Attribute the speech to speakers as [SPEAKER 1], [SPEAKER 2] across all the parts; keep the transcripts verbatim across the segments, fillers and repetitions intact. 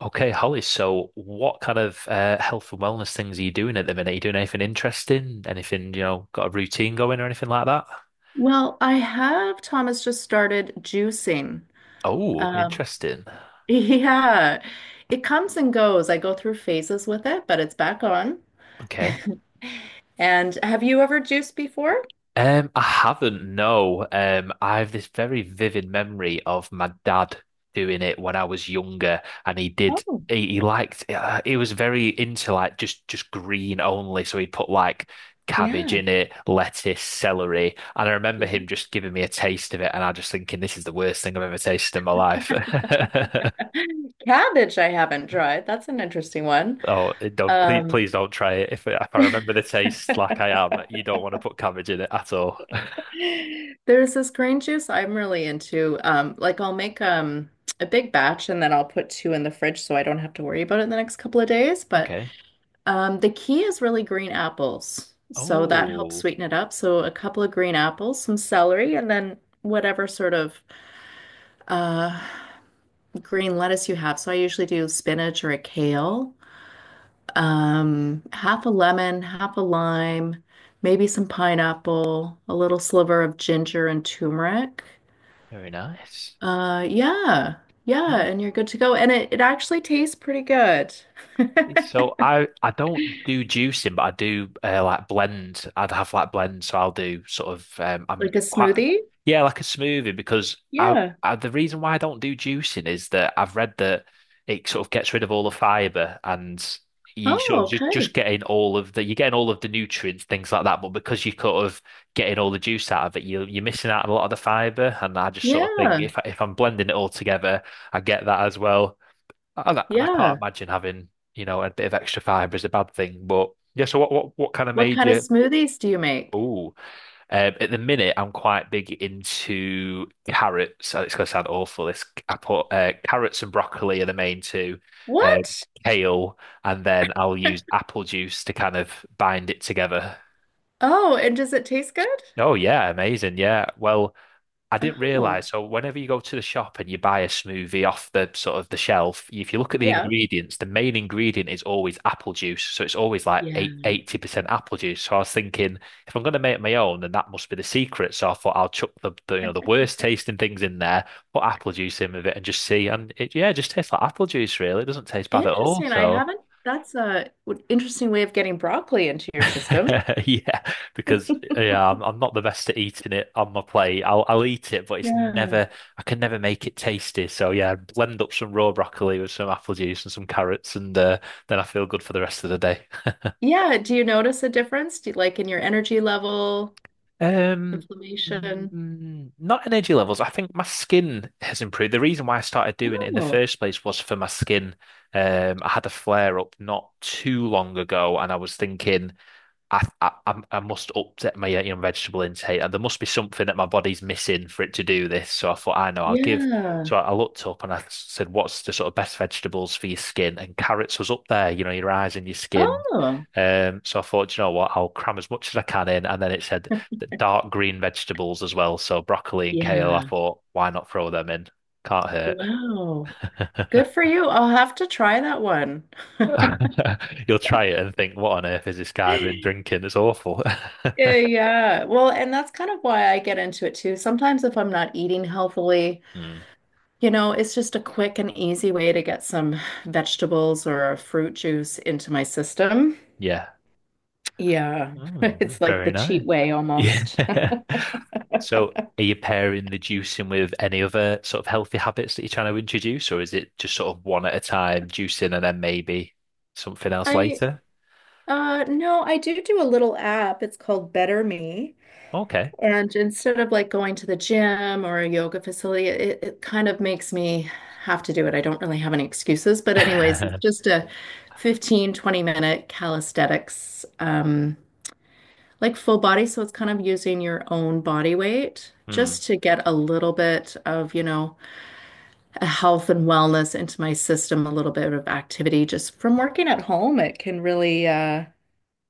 [SPEAKER 1] Okay, Holly, so what kind of uh, health and wellness things are you doing at the minute? Are you doing anything interesting? Anything, you know, got a routine going or anything like that?
[SPEAKER 2] Well, I have Thomas just started juicing.
[SPEAKER 1] Oh,
[SPEAKER 2] Um,
[SPEAKER 1] interesting.
[SPEAKER 2] yeah, it comes and goes. I go through phases with it, but it's back on. And have you ever juiced before?
[SPEAKER 1] Um, I haven't, no. Um, I have this very vivid memory of my dad doing it when I was younger, and he did.
[SPEAKER 2] Oh,
[SPEAKER 1] He, he liked. Uh, he was very into like just just green only, so he'd put like cabbage
[SPEAKER 2] yeah,
[SPEAKER 1] in it, lettuce, celery, and I remember
[SPEAKER 2] yeah.
[SPEAKER 1] him just giving me a taste of it, and I just thinking this is the worst thing I've ever tasted in my life.
[SPEAKER 2] Cabbage, I haven't tried. That's an interesting one.
[SPEAKER 1] Oh, don't, please
[SPEAKER 2] Um,
[SPEAKER 1] please don't try it. If if I remember the taste like I am, you don't want to put cabbage in it at all.
[SPEAKER 2] there's this green juice I'm really into. Um, like I'll make um a big batch and then I'll put two in the fridge so I don't have to worry about it the next couple of days. But
[SPEAKER 1] Okay.
[SPEAKER 2] Um, the key is really green apples. So that helps
[SPEAKER 1] Oh.
[SPEAKER 2] sweeten it up. So a couple of green apples, some celery, and then whatever sort of uh, green lettuce you have. So I usually do spinach or a kale, um, half a lemon, half a lime, maybe some pineapple, a little sliver of ginger and turmeric.
[SPEAKER 1] Very nice.
[SPEAKER 2] Uh, yeah, yeah,
[SPEAKER 1] Mm.
[SPEAKER 2] and you're good to go. And it, it actually tastes pretty good.
[SPEAKER 1] So I I don't do juicing, but I do uh, like blends. I'd have like blends, so I'll do sort of, um, I'm
[SPEAKER 2] Like a
[SPEAKER 1] quite
[SPEAKER 2] smoothie?
[SPEAKER 1] yeah, like a smoothie, because I,
[SPEAKER 2] Yeah.
[SPEAKER 1] I the reason why I don't do juicing is that I've read that it sort of gets rid of all the fiber, and you sort of
[SPEAKER 2] Oh,
[SPEAKER 1] just just
[SPEAKER 2] okay.
[SPEAKER 1] getting all of the you're getting all of the nutrients, things like that. But because you're sort of getting all the juice out of it, you you're missing out on a lot of the fiber. And I just sort of think,
[SPEAKER 2] Yeah.
[SPEAKER 1] if I, if I'm blending it all together, I get that as well. And I, and I can't
[SPEAKER 2] Yeah.
[SPEAKER 1] imagine having you know, a bit of extra fibre is a bad thing. But yeah, so what what what kind of
[SPEAKER 2] What
[SPEAKER 1] made
[SPEAKER 2] kind of
[SPEAKER 1] you?
[SPEAKER 2] smoothies do you make?
[SPEAKER 1] Oh, um, at the minute I'm quite big into carrots, and it's going to sound awful. This I put, uh, carrots and broccoli are the main two, uh,
[SPEAKER 2] What?
[SPEAKER 1] kale, and then I'll use apple juice to kind of bind it together.
[SPEAKER 2] Oh, and does it taste good?
[SPEAKER 1] Oh yeah, amazing. Yeah. Well, I didn't
[SPEAKER 2] Oh,
[SPEAKER 1] realize. So whenever you go to the shop and you buy a smoothie off the sort of the shelf, if you look at the
[SPEAKER 2] yeah.
[SPEAKER 1] ingredients, the main ingredient is always apple juice. So it's always like eight,
[SPEAKER 2] Yeah.
[SPEAKER 1] eighty percent apple juice. So I was thinking, if I'm going to make my own, then that must be the secret. So I thought I'll chuck the, the you know the worst tasting things in there, put apple juice in with it, and just see. And it, yeah, it just tastes like apple juice, really. It doesn't taste bad at all.
[SPEAKER 2] Interesting. I
[SPEAKER 1] So.
[SPEAKER 2] haven't. That's a w- interesting way of getting broccoli into your system.
[SPEAKER 1] Yeah, because yeah, I'm, I'm not the best at eating it on my plate. I'll I'll eat it, but it's
[SPEAKER 2] Yeah.
[SPEAKER 1] never I can never make it tasty. So yeah, blend up some raw broccoli with some apple juice and some carrots, and uh, then I feel good for the rest of the day.
[SPEAKER 2] Yeah. Do you notice a difference? Do you, like in your energy level,
[SPEAKER 1] Um,
[SPEAKER 2] inflammation?
[SPEAKER 1] mm, not energy levels. I think my skin has improved. The reason why I started doing it in the
[SPEAKER 2] Oh,
[SPEAKER 1] first place was for my skin. Um, I had a flare up not too long ago, and I was thinking, I, I I'm- I must update my uh, you know, vegetable intake, and there must be something that my body's missing for it to do this. So I thought, I know, I'll give.
[SPEAKER 2] yeah.
[SPEAKER 1] So I I looked up and I said, "What's the sort of best vegetables for your skin?" And carrots was up there. You know, your eyes and your skin.
[SPEAKER 2] Oh,
[SPEAKER 1] Um, so I thought, "Do you know what? I'll cram as much as I can in," and then it said the dark green vegetables as well. So broccoli and kale, I
[SPEAKER 2] yeah.
[SPEAKER 1] thought, why not throw them in? Can't hurt.
[SPEAKER 2] Wow. Good for you. I'll have to try that one.
[SPEAKER 1] You'll try it and think, what on earth is this guy been drinking? It's awful.
[SPEAKER 2] Yeah, yeah. Well, and that's kind of why I get into it too. Sometimes if I'm not eating healthily,
[SPEAKER 1] Mm,
[SPEAKER 2] you know, it's just a quick and easy way to get some vegetables or fruit juice into my system.
[SPEAKER 1] yeah.
[SPEAKER 2] Yeah.
[SPEAKER 1] Mm,
[SPEAKER 2] It's like the
[SPEAKER 1] very nice.
[SPEAKER 2] cheat way
[SPEAKER 1] Yeah.
[SPEAKER 2] almost.
[SPEAKER 1] So are you pairing the juicing with any other sort of healthy habits that you're trying to introduce, or is it just sort of one at a time, juicing and then maybe something else
[SPEAKER 2] I
[SPEAKER 1] later?
[SPEAKER 2] uh no, I do do a little app. It's called Better Me.
[SPEAKER 1] Okay.
[SPEAKER 2] And instead of like going to the gym or a yoga facility, it, it kind of makes me have to do it. I don't really have any excuses. But anyways, it's
[SPEAKER 1] Hmm.
[SPEAKER 2] just a fifteen to twenty minute calisthenics, um, like full body. So it's kind of using your own body weight just to get a little bit of, you know, health and wellness into my system, a little bit of activity just from working at home. It can really, uh,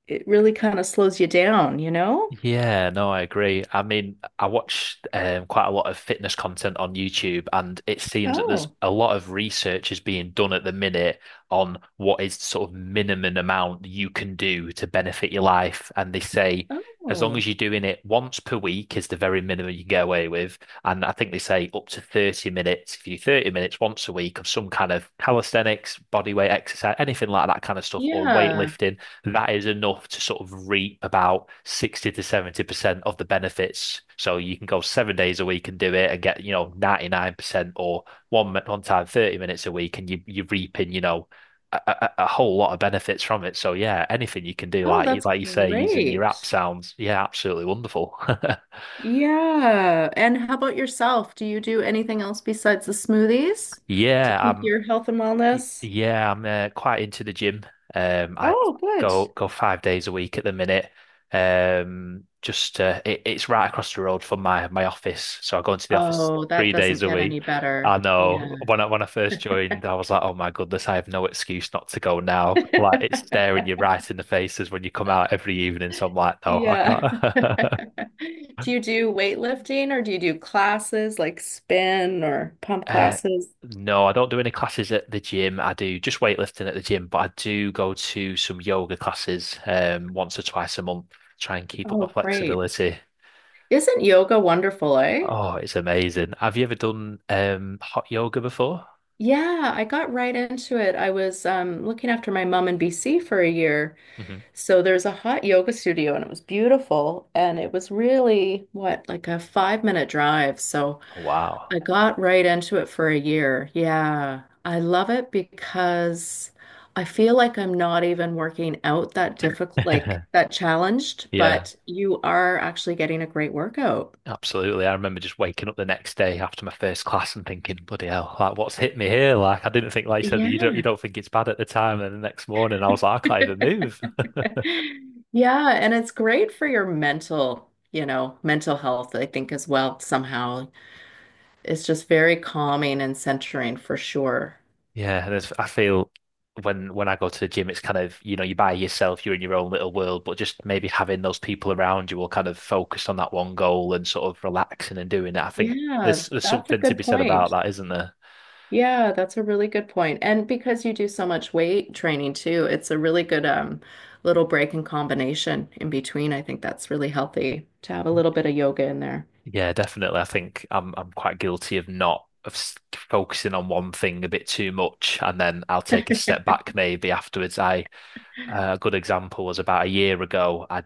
[SPEAKER 2] it really kind of slows you down, you know?
[SPEAKER 1] Yeah, no, I agree. I mean, I watch um, quite a lot of fitness content on YouTube, and it seems that there's
[SPEAKER 2] Oh,
[SPEAKER 1] a lot of research is being done at the minute on what is sort of minimum amount you can do to benefit your life. And they say as long
[SPEAKER 2] Oh,
[SPEAKER 1] as you're doing it once per week is the very minimum you can get away with. And I think they say up to thirty minutes, if you do thirty minutes once a week of some kind of calisthenics, body weight exercise, anything like that kind of stuff, or
[SPEAKER 2] yeah.
[SPEAKER 1] weightlifting, that is enough to sort of reap about sixty to seventy percent of the benefits. So you can go seven days a week and do it and get, you know, ninety-nine percent, or one, one time thirty minutes a week, and you, you're reaping, you know, a, a, a whole lot of benefits from it. So yeah, anything you can do,
[SPEAKER 2] Oh,
[SPEAKER 1] like you,
[SPEAKER 2] that's
[SPEAKER 1] like you say, using your
[SPEAKER 2] great.
[SPEAKER 1] app sounds, yeah, absolutely wonderful.
[SPEAKER 2] Yeah. And how about yourself? Do you do anything else besides the smoothies to
[SPEAKER 1] Yeah,
[SPEAKER 2] keep
[SPEAKER 1] I'm
[SPEAKER 2] your health and
[SPEAKER 1] Y-
[SPEAKER 2] wellness?
[SPEAKER 1] Yeah, I'm uh, quite into the gym. Um, I
[SPEAKER 2] Oh, good.
[SPEAKER 1] go go five days a week at the minute. Um, just, uh, it, it's right across the road from my my office, so I go into the office
[SPEAKER 2] Oh, that
[SPEAKER 1] three days
[SPEAKER 2] doesn't
[SPEAKER 1] a
[SPEAKER 2] get any
[SPEAKER 1] week. I
[SPEAKER 2] better.
[SPEAKER 1] know
[SPEAKER 2] Yeah.
[SPEAKER 1] when I when I first joined, I was like, oh my goodness, I have no excuse not to go now. Like it's staring you right in the faces when you come out every evening. So I'm like, no, I
[SPEAKER 2] Yeah.
[SPEAKER 1] can't.
[SPEAKER 2] Do you do weightlifting or do you do classes like spin or pump
[SPEAKER 1] Uh,
[SPEAKER 2] classes?
[SPEAKER 1] no, I don't do any classes at the gym. I do just weightlifting at the gym, but I do go to some yoga classes um once or twice a month, try and keep up my
[SPEAKER 2] Oh, great.
[SPEAKER 1] flexibility.
[SPEAKER 2] Isn't yoga wonderful, eh?
[SPEAKER 1] Oh, it's amazing. Have you ever done um hot yoga before?
[SPEAKER 2] Yeah, I got right into it. I was um, looking after my mom in B C for a year.
[SPEAKER 1] Hmm.
[SPEAKER 2] So there's a hot yoga studio and it was beautiful. And it was really, what, like a five minute drive. So
[SPEAKER 1] Oh, wow.
[SPEAKER 2] I got right into it for a year. Yeah, I love it because I feel like I'm not even working out that difficult, like that challenged,
[SPEAKER 1] Yeah,
[SPEAKER 2] but you are actually getting a great workout.
[SPEAKER 1] absolutely. I remember just waking up the next day after my first class and thinking, bloody hell, like what's hit me here? Like I didn't think, like you said, that you don't you
[SPEAKER 2] Yeah.
[SPEAKER 1] don't think it's bad at the time, and the next morning I was like, I can't even move.
[SPEAKER 2] Yeah, and it's great for your mental, you know, mental health, I think, as well, somehow. It's just very calming and centering for sure.
[SPEAKER 1] Yeah, there's, I feel when when I go to the gym, it's kind of, you know, you're by yourself, you're in your own little world, but just maybe having those people around you will kind of focus on that one goal and sort of relaxing and doing it. I think
[SPEAKER 2] Yeah,
[SPEAKER 1] there's there's
[SPEAKER 2] that's a
[SPEAKER 1] something to
[SPEAKER 2] good
[SPEAKER 1] be said about
[SPEAKER 2] point.
[SPEAKER 1] that, isn't there?
[SPEAKER 2] Yeah, that's a really good point. And because you do so much weight training too, it's a really good um little break and combination in between. I think that's really healthy to have a little bit of yoga in there.
[SPEAKER 1] Yeah, definitely. I think I'm I'm quite guilty of, not of s- focusing on one thing a bit too much, and then I'll take a step back maybe afterwards. I uh, a good example was about a year ago. I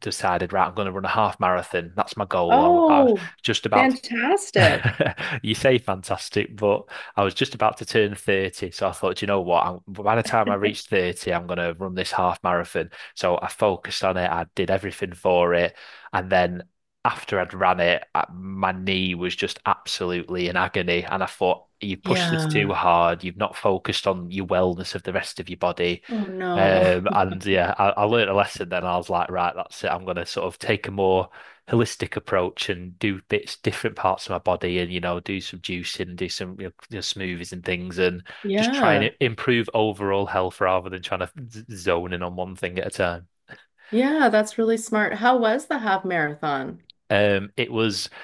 [SPEAKER 1] decided, right, I'm going to run a half marathon. That's my goal. I, I was
[SPEAKER 2] Oh,
[SPEAKER 1] just about.
[SPEAKER 2] fantastic.
[SPEAKER 1] You say fantastic, but I was just about to turn thirty, so I thought, "Do you know what? I'm, by the time I reach thirty, I'm going to run this half marathon." So I focused on it, I did everything for it. And then after I'd ran it, I- my knee was just absolutely in agony. And I thought, you pushed this too
[SPEAKER 2] Yeah.
[SPEAKER 1] hard, you've not focused on your wellness of the rest of your body.
[SPEAKER 2] Oh, no.
[SPEAKER 1] Um, and yeah, I, I learned a lesson then. I was like, right, that's it. I'm going to sort of take a more holistic approach and do bits, different parts of my body and, you know, do some juicing and do some, you know, you know, smoothies and things, and just try
[SPEAKER 2] Yeah.
[SPEAKER 1] and improve overall health rather than trying to z- zone in on one thing at a time.
[SPEAKER 2] Yeah, that's really smart. How was the half marathon?
[SPEAKER 1] Um, it was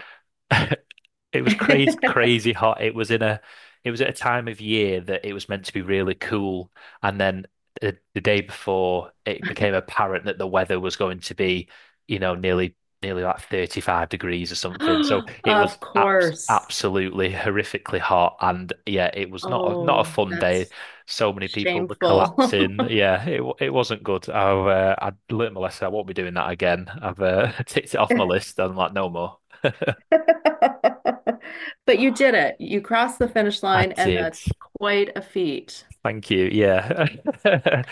[SPEAKER 1] It was crazy, crazy hot. It was in a, it was at a time of year that it was meant to be really cool, and then the, the day before, it became apparent that the weather was going to be, you know, nearly, nearly like thirty-five degrees or something. So it was
[SPEAKER 2] Of
[SPEAKER 1] abs
[SPEAKER 2] course.
[SPEAKER 1] absolutely horrifically hot, and yeah, it was not a, not a
[SPEAKER 2] Oh,
[SPEAKER 1] fun day.
[SPEAKER 2] that's
[SPEAKER 1] So many people were
[SPEAKER 2] shameful.
[SPEAKER 1] collapsing. Yeah, it wa- it wasn't good. I uh, I learned my lesson. I won't be doing that again. I've uh, ticked it off my list. I'm like, no more.
[SPEAKER 2] But you did it. You crossed the finish
[SPEAKER 1] I
[SPEAKER 2] line, and
[SPEAKER 1] did.
[SPEAKER 2] that's quite a feat.
[SPEAKER 1] Thank you. Yeah.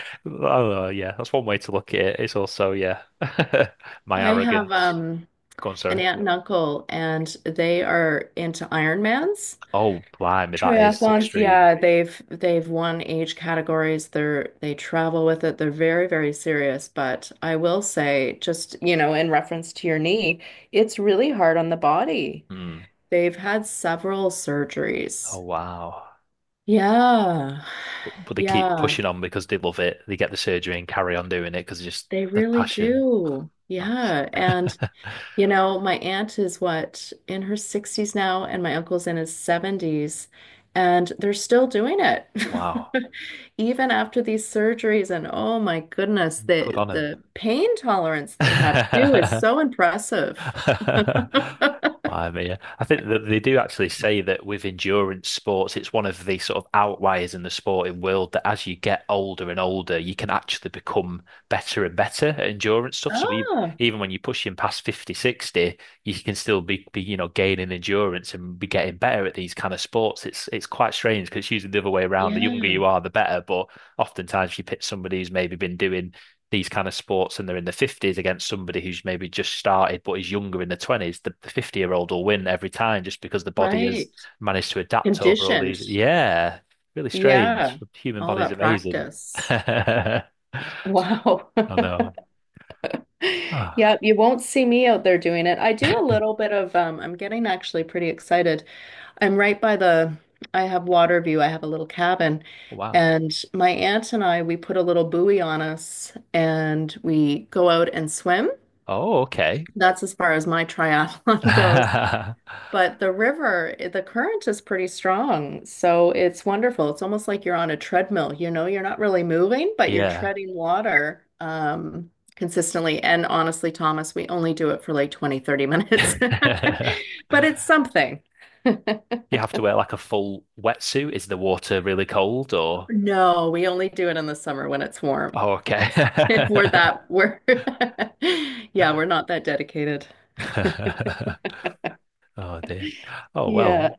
[SPEAKER 1] Oh, yeah, that's one way to look at it. It's also, yeah, my
[SPEAKER 2] I have
[SPEAKER 1] arrogance.
[SPEAKER 2] um,
[SPEAKER 1] Go on,
[SPEAKER 2] an
[SPEAKER 1] sorry.
[SPEAKER 2] aunt and uncle, and they are into Ironmans.
[SPEAKER 1] Oh, blimey, that is
[SPEAKER 2] Triathlons,
[SPEAKER 1] extreme.
[SPEAKER 2] yeah, they've they've won age categories. They're they travel with it. They're very, very serious. But I will say, just, you know, in reference to your knee, it's really hard on the body.
[SPEAKER 1] Hmm.
[SPEAKER 2] They've had several
[SPEAKER 1] Oh,
[SPEAKER 2] surgeries.
[SPEAKER 1] wow.
[SPEAKER 2] Yeah.
[SPEAKER 1] But, but they keep
[SPEAKER 2] Yeah.
[SPEAKER 1] pushing on because they love it. They get the surgery and carry on doing it because just
[SPEAKER 2] They
[SPEAKER 1] the
[SPEAKER 2] really
[SPEAKER 1] passion.
[SPEAKER 2] do.
[SPEAKER 1] That's
[SPEAKER 2] Yeah. And, you know, my aunt is what, in her sixties now, and my uncle's in his seventies, and they're still doing it.
[SPEAKER 1] Wow.
[SPEAKER 2] Even after these surgeries, and oh my goodness,
[SPEAKER 1] Good
[SPEAKER 2] the
[SPEAKER 1] on
[SPEAKER 2] the pain tolerance they have too is
[SPEAKER 1] them.
[SPEAKER 2] so impressive.
[SPEAKER 1] I mean, I think that they do actually say that with endurance sports, it's one of the sort of outliers in the sporting world that as you get older and older, you can actually become better and better at endurance stuff. So even,
[SPEAKER 2] Ah,
[SPEAKER 1] even when you're pushing past fifty, sixty, you can still be, be, you know, gaining endurance and be getting better at these kind of sports. It's it's quite strange because it's usually the other way around. The younger you
[SPEAKER 2] yeah,
[SPEAKER 1] are, the better. But oftentimes you pick somebody who's maybe been doing these kind of sports and they're in the fifties, against somebody who's maybe just started but is younger, in the twenties. The fifty year old will win every time, just because the body has
[SPEAKER 2] right.
[SPEAKER 1] managed to adapt over all
[SPEAKER 2] Conditioned.
[SPEAKER 1] these. Yeah. Really strange.
[SPEAKER 2] Yeah.
[SPEAKER 1] The human
[SPEAKER 2] All
[SPEAKER 1] body's
[SPEAKER 2] that
[SPEAKER 1] amazing.
[SPEAKER 2] practice.
[SPEAKER 1] I
[SPEAKER 2] Wow.
[SPEAKER 1] know. Ah,
[SPEAKER 2] Yep, you won't see me out there doing it. I do a little bit of um I'm getting actually pretty excited. I'm right by the. I have water view. I have a little cabin
[SPEAKER 1] wow.
[SPEAKER 2] and my aunt and I we put a little buoy on us and we go out and swim.
[SPEAKER 1] Oh, okay.
[SPEAKER 2] That's as far as my triathlon goes. But the river, i- the current is pretty strong, so it's wonderful. It's almost like you're on a treadmill, you know, you're not really moving, but you're
[SPEAKER 1] Yeah. You
[SPEAKER 2] treading water um, consistently. And honestly, Thomas, we only do it for like twenty, thirty minutes, but it's something.
[SPEAKER 1] have to wear like a full wetsuit? Is the water really cold, or?
[SPEAKER 2] No, we only do it in the summer when it's warm.
[SPEAKER 1] Oh, okay.
[SPEAKER 2] We're that, we're, yeah, we're not that dedicated.
[SPEAKER 1] Oh dear. Oh well,
[SPEAKER 2] Yeah.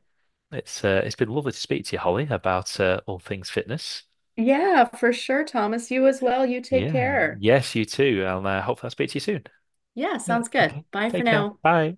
[SPEAKER 1] it's uh, it's been lovely to speak to you, Holly, about uh, all things fitness.
[SPEAKER 2] Yeah, for sure, Thomas. You as well. You take
[SPEAKER 1] Yeah.
[SPEAKER 2] care.
[SPEAKER 1] Yes, you too. And uh, hopefully I'll speak to you soon.
[SPEAKER 2] Yeah,
[SPEAKER 1] Yeah.
[SPEAKER 2] sounds good.
[SPEAKER 1] Okay.
[SPEAKER 2] Bye for
[SPEAKER 1] Take care.
[SPEAKER 2] now.
[SPEAKER 1] Bye.